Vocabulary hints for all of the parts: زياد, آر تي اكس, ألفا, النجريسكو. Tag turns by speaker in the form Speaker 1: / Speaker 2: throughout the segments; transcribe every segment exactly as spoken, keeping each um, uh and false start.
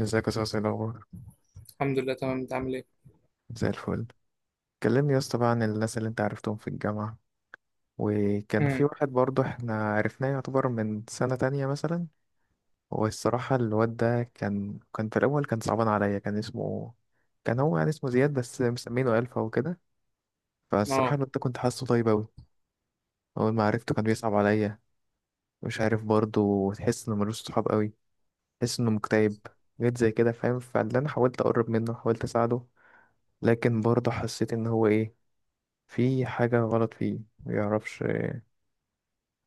Speaker 1: ازيك يا صاصي، إيه الأخبار؟
Speaker 2: الحمد لله، تمام. انت عامل ايه؟
Speaker 1: زي الفل. كلمني يا اسطى بقى عن الناس اللي انت عرفتهم في الجامعة. وكان في
Speaker 2: امم
Speaker 1: واحد برضه احنا عرفناه، يعتبر من سنة تانية مثلا. والصراحة الواد ده كان كان في الأول كان صعبان عليا، كان اسمه كان هو يعني اسمه زياد بس مسمينه ألفا وكده. فالصراحة
Speaker 2: اه
Speaker 1: الواد ده كنت حاسه طيب أوي. أول ما عرفته كان بيصعب عليا. مش عارف، برضه تحس إنه ملوش صحاب أوي، تحس إنه مكتئب. جيت زي كده، فاهم، فاللي أنا حاولت أقرب منه، حاولت أساعده. لكن برضه حسيت إن هو إيه، في حاجة غلط فيه، ما بيعرفش.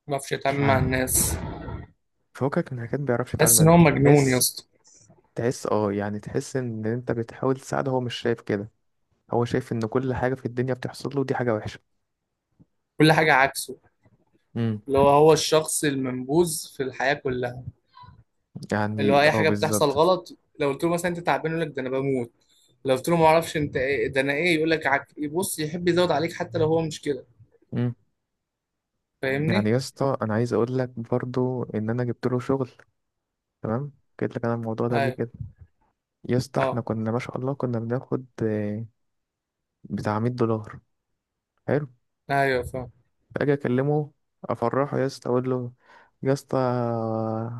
Speaker 2: ما بعرفش
Speaker 1: مش
Speaker 2: يتعامل مع
Speaker 1: عارف.
Speaker 2: الناس.
Speaker 1: فوقك من حاجات ما بيعرفش يتعامل
Speaker 2: تحس ان
Speaker 1: معاها،
Speaker 2: هو مجنون يا
Speaker 1: تحس.
Speaker 2: اسطى.
Speaker 1: تحس، اه، يعني تحس ان انت بتحاول تساعده، هو مش شايف كده. هو شايف ان كل حاجة في الدنيا بتحصل له دي حاجة وحشة.
Speaker 2: كل حاجه عكسه.
Speaker 1: امم.
Speaker 2: اللي هو هو الشخص المنبوذ في الحياه كلها. اللي
Speaker 1: يعني
Speaker 2: هو اي
Speaker 1: اه،
Speaker 2: حاجه بتحصل
Speaker 1: بالظبط.
Speaker 2: غلط، لو قلت له مثلا انت تعبان يقول لك ده انا بموت، لو قلت له ما اعرفش انت ايه ده انا ايه يقول لك عك... يبص يحب يزود عليك حتى لو هو مش كده.
Speaker 1: امم. يعني
Speaker 2: فاهمني؟
Speaker 1: يا اسطى انا عايز اقول لك برضو ان انا جبت له شغل. تمام. قلت لك انا الموضوع ده قبل
Speaker 2: ايوه.
Speaker 1: كده. يا اسطى
Speaker 2: اه.
Speaker 1: احنا كنا ما شاء الله، كنا بناخد آه، بتاع مية دولار. حلو.
Speaker 2: ايوه فاهم.
Speaker 1: فاجي اكلمه، افرحه، يا اسطى اقول له يا اسطى،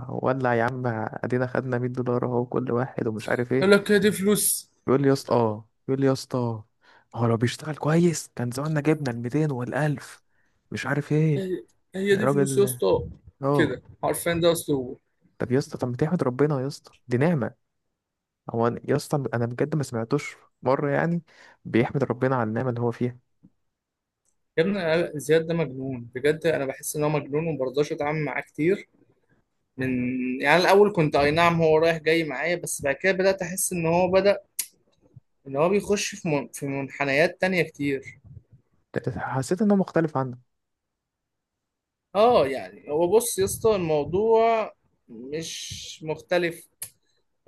Speaker 1: ولع يا عم، ادينا خدنا ميت دولار اهو كل واحد، ومش عارف ايه.
Speaker 2: يقول لك هي دي فلوس؟
Speaker 1: يقول لي يا اسطى اه يقول لي يا اسطى، هو لو بيشتغل كويس كان زماننا جبنا ال ميتين وال الف مش عارف ايه.
Speaker 2: هي هي دي فلوس يا
Speaker 1: الراجل.
Speaker 2: اسطى،
Speaker 1: اه.
Speaker 2: كده عارفين ده اسلوبه.
Speaker 1: طب يا اسطى، طب ما تحمد ربنا يا اسطى، دي نعمه. هو أنا- يا اسطى انا بجد ما سمعتوش مره يعني، بيحمد ربنا على النعمه اللي هو فيها.
Speaker 2: يا ابني، أنا- زياد ده مجنون بجد، انا بحس ان هو مجنون وما برضاش اتعامل معاه كتير. من، يعني الاول كنت اي نعم هو رايح جاي معايا، بس بعد كده بدات احس ان هو بدا، ان هو بيخش في من... في منحنيات تانية كتير.
Speaker 1: حسيت انه مختلف عنه.
Speaker 2: اه يعني هو بص يا اسطى، الموضوع مش مختلف.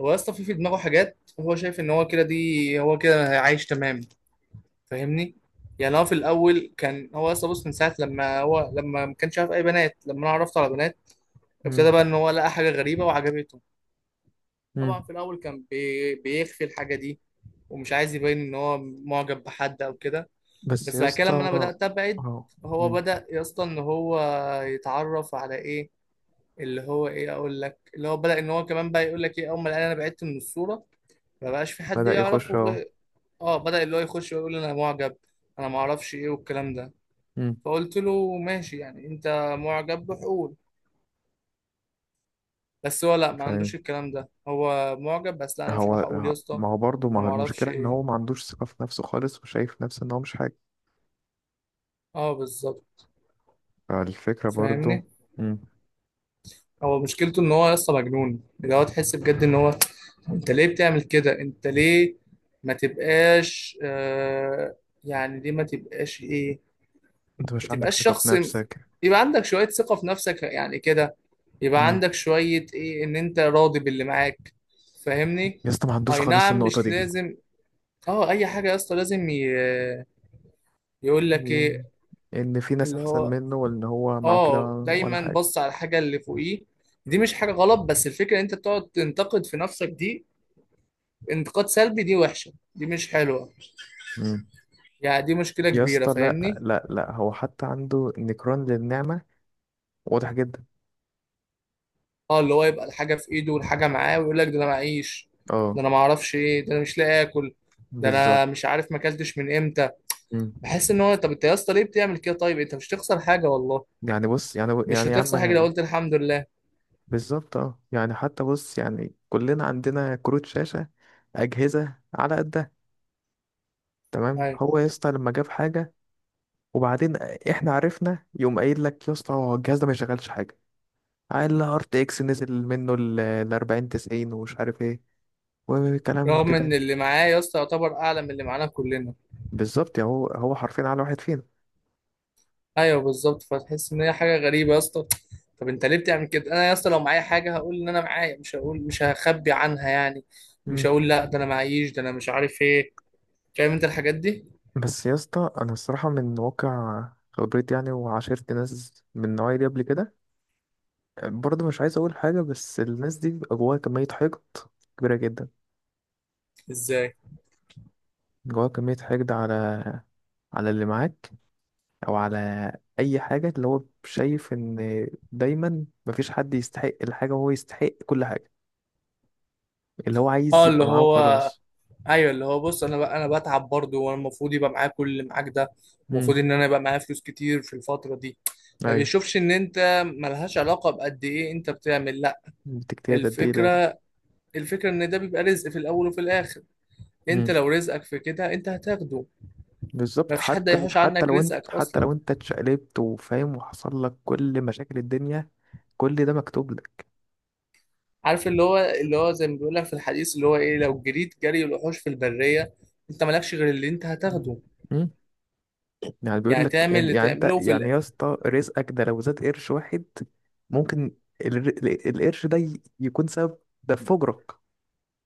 Speaker 2: هو يا اسطى في في دماغه حاجات، هو شايف ان هو كده، دي هو كده عايش تمام. فاهمني؟ يعني هو في الاول كان هو يا اسطى بص، من ساعه لما هو لما ما كانش عارف اي بنات، لما انا عرفت على بنات
Speaker 1: مم.
Speaker 2: ابتدى بقى ان هو لقى حاجه غريبه وعجبته.
Speaker 1: مم.
Speaker 2: طبعا في الاول كان بي... بيخفي الحاجه دي، ومش عايز يبين ان هو معجب بحد او كده.
Speaker 1: بس
Speaker 2: بس
Speaker 1: يا
Speaker 2: بعد كده
Speaker 1: اسطى.
Speaker 2: لما انا بدات ابعد،
Speaker 1: اه.
Speaker 2: هو بدا يا اسطى ان هو يتعرف على ايه، اللي هو ايه، اقول لك اللي هو بدا ان هو كمان بقى يقول لك ايه، اول ما لقاني انا بعدت من الصوره ما بقاش في حد
Speaker 1: بدأ يخش
Speaker 2: يعرفه
Speaker 1: اهو.
Speaker 2: غير- اه بدا اللي هو يخش ويقول انا معجب، انا ما اعرفش ايه والكلام ده.
Speaker 1: مم.
Speaker 2: فقلت له ماشي، يعني انت معجب بحقول. بس هو لا، ما
Speaker 1: فاهم.
Speaker 2: عندوش الكلام ده، هو معجب بس لا، انا مش هروح
Speaker 1: هو
Speaker 2: اقول يا اسطى
Speaker 1: ما هو برضه ما
Speaker 2: انا
Speaker 1: هو
Speaker 2: ما اعرفش
Speaker 1: المشكلة ان هو
Speaker 2: ايه.
Speaker 1: ما عندوش ثقة في نفسه خالص، وشايف نفسه ان هو مش حاجة.
Speaker 2: اه بالظبط.
Speaker 1: فالفكرة برضه.
Speaker 2: فاهمني؟
Speaker 1: مم.
Speaker 2: هو مشكلته ان هو لسه مجنون، اللي هو تحس بجد ان هو، انت ليه بتعمل كده؟ انت ليه ما تبقاش آه يعني ليه ما تبقاش ايه،
Speaker 1: انت
Speaker 2: ما
Speaker 1: مش عندك
Speaker 2: تبقاش
Speaker 1: ثقة في
Speaker 2: شخص،
Speaker 1: نفسك.
Speaker 2: يبقى عندك شوية ثقة في نفسك يعني كده، يبقى
Speaker 1: مم.
Speaker 2: عندك شوية ايه ان انت راضي باللي معاك. فاهمني؟
Speaker 1: يا اسطى ما عندوش
Speaker 2: اي
Speaker 1: خالص
Speaker 2: نعم
Speaker 1: النقطة
Speaker 2: مش
Speaker 1: دي.
Speaker 2: لازم، اه اي حاجة يا اسطى لازم ي- يقول لك ايه
Speaker 1: يعني ان في ناس
Speaker 2: اللي
Speaker 1: احسن
Speaker 2: هو.
Speaker 1: منه، وان هو معه كده.
Speaker 2: اه
Speaker 1: ولا
Speaker 2: دايما
Speaker 1: حاجة.
Speaker 2: بص على الحاجه اللي فوقيه. دي مش حاجه غلط، بس الفكره ان انت تقعد تنتقد في نفسك، دي انتقاد سلبي، دي وحشه، دي مش حلوه،
Speaker 1: مم.
Speaker 2: يعني دي مشكله
Speaker 1: يا
Speaker 2: كبيره.
Speaker 1: اسطى لا
Speaker 2: فاهمني؟
Speaker 1: لا لا، هو حتى عنده نكران للنعمة، واضح جدا.
Speaker 2: اه اللي هو يبقى الحاجه في ايده والحاجه معاه ويقول لك ده انا معيش، ده
Speaker 1: اه
Speaker 2: انا ما اعرفش ايه، ده انا مش لاقي اكل، ده انا
Speaker 1: بالظبط.
Speaker 2: مش عارف ما اكلتش من امتى.
Speaker 1: مم.
Speaker 2: بحس ان هو، طب انت يا اسطى ليه بتعمل كده؟ طيب انت مش هتخسر حاجه والله،
Speaker 1: يعني بص، يعني
Speaker 2: مش
Speaker 1: يعني يا عم.
Speaker 2: هتخسر حاجه لو قلت الحمد لله.
Speaker 1: بالظبط اه، يعني حتى بص يعني كلنا عندنا كروت شاشة، أجهزة على قدها. تمام.
Speaker 2: ايوه،
Speaker 1: هو يا اسطى لما جاب حاجة، وبعدين احنا عرفنا، يقوم قايل لك يا اسطى هو الجهاز ده ما يشغلش حاجة. قال ار تي اكس نزل منه ال اربعين تسعين ومش عارف ايه، وكلام
Speaker 2: رغم
Speaker 1: كده.
Speaker 2: ان اللي معاه يا اسطى يعتبر اعلى من اللي معانا كلنا.
Speaker 1: بالظبط، يعني هو هو حرفيا على واحد فينا.
Speaker 2: ايوه بالظبط، فتحس ان هي حاجه غريبه يا اسطى. طب انت ليه بتعمل كده؟ انا يا اسطى لو معايا حاجه هقول ان انا معايا، مش هقول مش هخبي عنها يعني، مش
Speaker 1: مم.
Speaker 2: هقول لا ده انا معيش ده انا مش عارف ايه. فاهم انت الحاجات دي؟
Speaker 1: بس يا اسطى انا الصراحة من واقع خبرتي يعني، وعاشرت ناس من النوعية دي قبل كده. برضه مش عايز اقول حاجة، بس الناس دي بيبقى جواها كمية حقد كبيرة جدا.
Speaker 2: ازاي؟
Speaker 1: جواه كمية حقد على على اللي معاك، أو على أي حاجة اللي هو شايف إن دايما مفيش حد يستحق الحاجة، وهو يستحق كل حاجة. اللي هو عايز
Speaker 2: اه
Speaker 1: يبقى
Speaker 2: اللي
Speaker 1: معاه
Speaker 2: هو.
Speaker 1: وخلاص.
Speaker 2: ايوه اللي هو بص، انا بقى انا بتعب برضه، وانا المفروض يبقى معايا كل اللي معاك ده، المفروض
Speaker 1: امم.
Speaker 2: ان انا يبقى معايا فلوس كتير في الفتره دي. ما
Speaker 1: أيوه.
Speaker 2: بيشوفش ان انت ملهاش علاقه بقد ايه انت بتعمل. لا،
Speaker 1: بتجتهد قد إيه ده.
Speaker 2: الفكره، الفكره ان ده بيبقى رزق في الاول وفي الاخر. انت
Speaker 1: امم.
Speaker 2: لو رزقك في كده انت هتاخده. ما
Speaker 1: بالظبط،
Speaker 2: فيش حد
Speaker 1: حتى
Speaker 2: هيحوش
Speaker 1: حتى
Speaker 2: عنك
Speaker 1: لو أنت
Speaker 2: رزقك
Speaker 1: حتى
Speaker 2: اصلا.
Speaker 1: لو أنت اتشقلبت، وفاهم، وحصل لك كل مشاكل الدنيا، كل ده مكتوب لك.
Speaker 2: عارف اللي هو اللي هو زي ما بيقول لك في الحديث، اللي هو ايه، لو جريت جري الوحوش في البريه انت مالكش غير اللي انت هتاخده.
Speaker 1: يعني بيقول
Speaker 2: يعني
Speaker 1: لك،
Speaker 2: تعمل
Speaker 1: يعني
Speaker 2: اللي
Speaker 1: يعني انت
Speaker 2: تعمله في
Speaker 1: يعني
Speaker 2: ال-
Speaker 1: يا اسطى، رزقك ده لو زاد قرش واحد، ممكن الر- ال- القرش ده ي- يكون سبب ده في فجرك،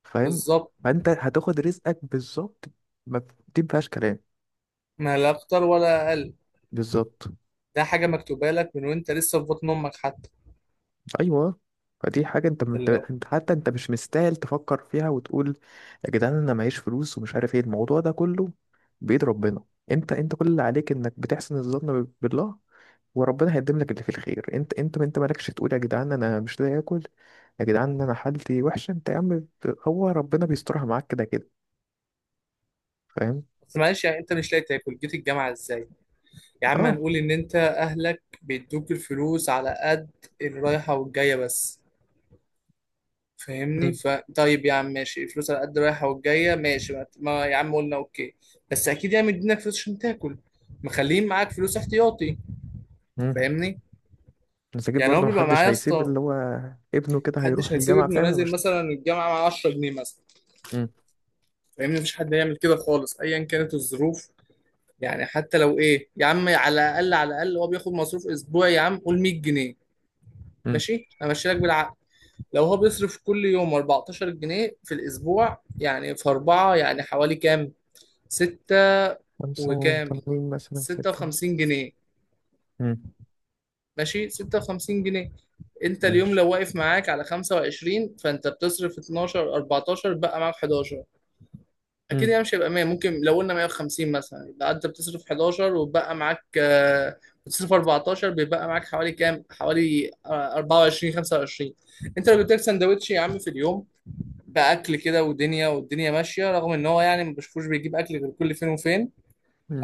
Speaker 1: فاهم.
Speaker 2: بالظبط،
Speaker 1: فانت هتاخد رزقك بالظبط. ما ف- دي ما فيهاش كلام.
Speaker 2: ما لا اكتر ولا اقل.
Speaker 1: بالظبط.
Speaker 2: ده حاجه مكتوبه لك من وانت لسه في بطن امك حتى.
Speaker 1: ايوه. فدي حاجه، انت انت
Speaker 2: اللي هو.
Speaker 1: انت حتى انت مش مستاهل تفكر فيها وتقول يا جدعان انا معيش فلوس ومش عارف ايه، الموضوع ده كله بايد ربنا. انت انت كل اللي عليك انك بتحسن الظن ب- بالله. وربنا هيقدم لك اللي فيه الخير. انت انت انت مالكش تقول يا جدعان انا مش لاقي اكل، يا جدعان انا حالتي وحشه. انت يا عم، ب- هو ربنا بيسترها معاك كده كده، فاهم.
Speaker 2: بس معلش، يعني انت مش لاقي تاكل جيت الجامعه ازاي؟ يا عم
Speaker 1: اه.
Speaker 2: هنقول ان انت اهلك بيدوك الفلوس على قد الرايحه والجايه بس. فاهمني؟
Speaker 1: مم.
Speaker 2: ف طيب يا عم ماشي، الفلوس على قد رايحه والجايه، ماشي، ما ما يا عم قلنا اوكي. بس اكيد يعني مدينك فلوس عشان تاكل، مخلين معاك فلوس احتياطي.
Speaker 1: مم.
Speaker 2: فاهمني؟
Speaker 1: بس اكيد
Speaker 2: يعني هو
Speaker 1: برضه
Speaker 2: بيبقى معايا
Speaker 1: محدش
Speaker 2: يا
Speaker 1: هيسيب
Speaker 2: اسطى،
Speaker 1: اللي هو ابنه كده هيروح
Speaker 2: محدش هيسيب
Speaker 1: الجامعه،
Speaker 2: ابنه
Speaker 1: فاهم،
Speaker 2: نازل
Speaker 1: ومش.
Speaker 2: مثلا الجامعه مع عشرة جنيه مثلا.
Speaker 1: مم.
Speaker 2: فاهمني؟ مفيش حد يعمل كده خالص ايا كانت الظروف. يعني حتى لو ايه يا عم، على الاقل على الاقل هو بياخد مصروف اسبوعي، يا عم قول مية جنيه.
Speaker 1: مم.
Speaker 2: ماشي، امشي لك بالعقل، لو هو بيصرف كل يوم اربعتاشر جنيه في الاسبوع، يعني في اربعه يعني حوالي كام؟ ستة
Speaker 1: خمسة،
Speaker 2: وكام،
Speaker 1: وطالبين مثلا ستة.
Speaker 2: ستة وخمسين جنيه.
Speaker 1: مم.
Speaker 2: ماشي، ستة وخمسين جنيه. انت اليوم
Speaker 1: ماشي.
Speaker 2: لو واقف معاك على خمسة وعشرين، فانت بتصرف اتناشر، اربعتاشر، بقى معاك حداشر. اكيد
Speaker 1: مم.
Speaker 2: يعني مش هيبقى مية، ممكن لو قلنا مية وخمسين مثلا، يبقى انت بتصرف حداشر وبقى معاك آه، بتصرف اربعة عشر بيبقى معاك حوالي كام، حوالي آه، اربعة وعشرين، خمسة وعشرين. انت لو جبت لك سندوتش يا عم في اليوم، باكل كده، ودنيا والدنيا ماشيه، رغم ان هو يعني ما بشوفوش بيجيب اكل غير كل فين وفين.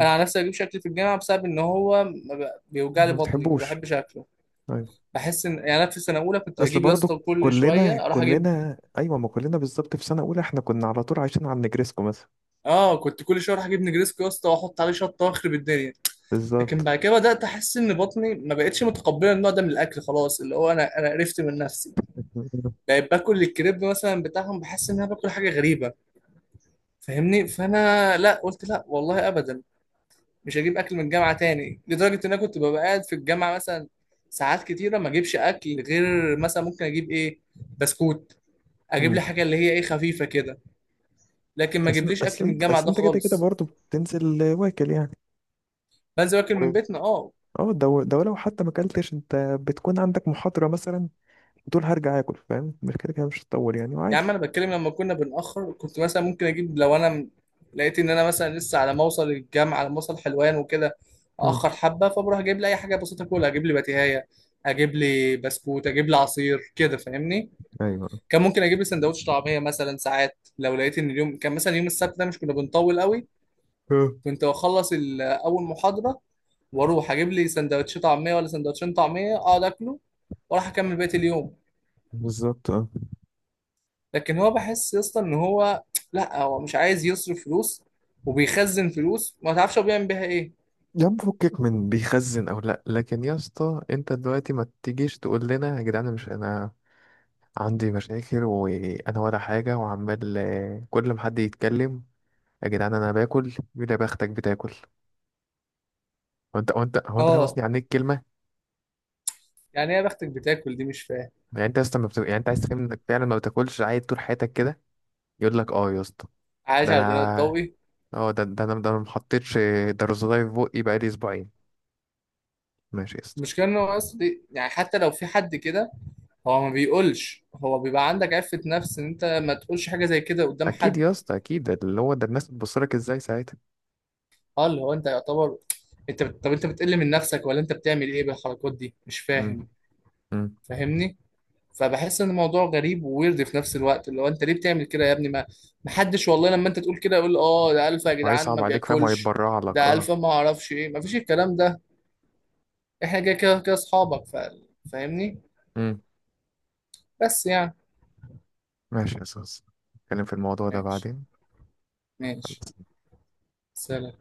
Speaker 2: انا على نفسي بجيب شكل في الجامعه، بسبب ان هو ما ب- بيوجع لي
Speaker 1: ما
Speaker 2: بطني ما
Speaker 1: بتحبوش.
Speaker 2: بحبش اكله.
Speaker 1: طيب.
Speaker 2: بحس ان يعني انا في سنه اولى كنت
Speaker 1: اصل
Speaker 2: بجيب يا اسطى
Speaker 1: برضو
Speaker 2: كل
Speaker 1: كلنا
Speaker 2: شويه اروح اجيب.
Speaker 1: كلنا ايوه ما كلنا بالظبط، في سنه اولى احنا كنا على طول عايشين على النجريسكو مثلا.
Speaker 2: اه كنت كل شويه اروح اجيب نجريسكو يا اسطى، واحط عليه شطه واخرب الدنيا. لكن
Speaker 1: بالظبط.
Speaker 2: بعد كده بدات احس ان بطني ما بقتش متقبله النوع ده من الاكل خلاص. اللي هو انا انا قرفت من نفسي، بقيت باكل الكريب مثلا بتاعهم، بحس ان انا باكل حاجه غريبه. فاهمني؟ فانا لا، قلت لا والله ابدا، مش هجيب اكل من الجامعه تاني، لدرجه ان انا كنت ببقى قاعد في الجامعه مثلا ساعات كتيره ما اجيبش اكل، غير مثلا ممكن اجيب ايه، بسكوت، اجيب
Speaker 1: مم.
Speaker 2: لي حاجه اللي هي ايه خفيفه كده. لكن ما
Speaker 1: اصل
Speaker 2: اجيبليش اكل
Speaker 1: اصل
Speaker 2: من
Speaker 1: انت
Speaker 2: الجامعه
Speaker 1: اصل
Speaker 2: ده
Speaker 1: انت كده كده
Speaker 2: خالص.
Speaker 1: برضه بتنزل واكل يعني.
Speaker 2: بنزل اكل
Speaker 1: و-
Speaker 2: من بيتنا. اه
Speaker 1: اه، ده ده لو حتى ما اكلتش انت، بتكون عندك محاضرة مثلا، وتقول هرجع اكل، فاهم، مش كده كده مش هتطول يعني،
Speaker 2: يا عم
Speaker 1: وعادي.
Speaker 2: انا بتكلم لما كنا بنأخر، كنت مثلا ممكن اجيب لو انا م- لقيت ان انا مثلا لسه على ما اوصل الجامعه، على ما اوصل حلوان وكده
Speaker 1: مم.
Speaker 2: اخر حبه، فبروح اجيب لي اي حاجه بسيطه اكلها، اجيب لي بتيهايه، اجيب لي بسكوت، اجيب لي عصير كده. فاهمني؟
Speaker 1: ايوه.
Speaker 2: كان ممكن اجيب لي سندوتش طعميه مثلا، ساعات لو لقيت ان اليوم كان مثلا يوم السبت ده مش كنا بنطول قوي.
Speaker 1: اه.
Speaker 2: كنت اخلص ال- اول محاضره، واروح اجيب لي سندوتش طعميه ولا سندوتشين طعميه، اقعد اكله واروح اكمل بقيه اليوم.
Speaker 1: بالظبط اه.
Speaker 2: لكن هو بحس يا اسطى ان هو، لا هو مش عايز يصرف فلوس، وبيخزن فلوس ما تعرفش هو بيعمل بيها ايه.
Speaker 1: يا عم فكك من بيخزن او لا، لكن يا اسطى انت دلوقتي ما تجيش تقول لنا يا جدعان مش انا عندي مشاكل، وانا ولا حاجه، وعمال آه، كل ما حد يتكلم يا جدعان انا باكل. يقول يا بختك بتاكل. هو انت هو انت هو انت فاهم
Speaker 2: اه،
Speaker 1: قصدي، يعني ايه الكلمه.
Speaker 2: يعني ايه يا بختك بتاكل دي؟ مش فاهم.
Speaker 1: يعني انت اصلا ما بت... يعني انت عايز تفهم انك فعلا ما بتاكلش عادي طول حياتك كده. يقول لك اه يا اسطى
Speaker 2: عايش
Speaker 1: ده
Speaker 2: على البناء
Speaker 1: انا.
Speaker 2: الضوئي.
Speaker 1: اه ده ده انا ده انا ما حطيتش درزولاي في بقي بقالي اسبوعين. ماشي يا اسطى.
Speaker 2: المشكله ان هو اصلي يعني، حتى لو في حد كده هو ما بيقولش، هو بيبقى عندك عفة نفس ان انت ما تقولش حاجة زي كده قدام
Speaker 1: اكيد
Speaker 2: حد.
Speaker 1: يا اسطى اكيد، ده اللي هو ده الناس بتبص لك ازاي ساعتها.
Speaker 2: اه اللي هو انت يعتبر انت بت... طب انت بتقل من نفسك ولا انت بتعمل ايه بالحركات دي؟ مش
Speaker 1: امم.
Speaker 2: فاهم.
Speaker 1: امم.
Speaker 2: فاهمني؟ فبحس ان الموضوع غريب وويرد في نفس الوقت، اللي هو انت ليه بتعمل كده يا ابني؟ ما محدش والله لما انت تقول كده يقول اه ده الفا يا جدعان ما
Speaker 1: وهيصعب عليك فاهم،
Speaker 2: بياكلش،
Speaker 1: وهيتبرع لك
Speaker 2: ده
Speaker 1: اه.
Speaker 2: الفا ما اعرفش ايه. ما فيش الكلام ده، احنا كده كده كده اصحابك ف... فاهمني.
Speaker 1: امم.
Speaker 2: بس يعني،
Speaker 1: ماشي يا اسطى، نتكلم في الموضوع ده
Speaker 2: ماشي،
Speaker 1: بعدين.
Speaker 2: ماشي، سلام.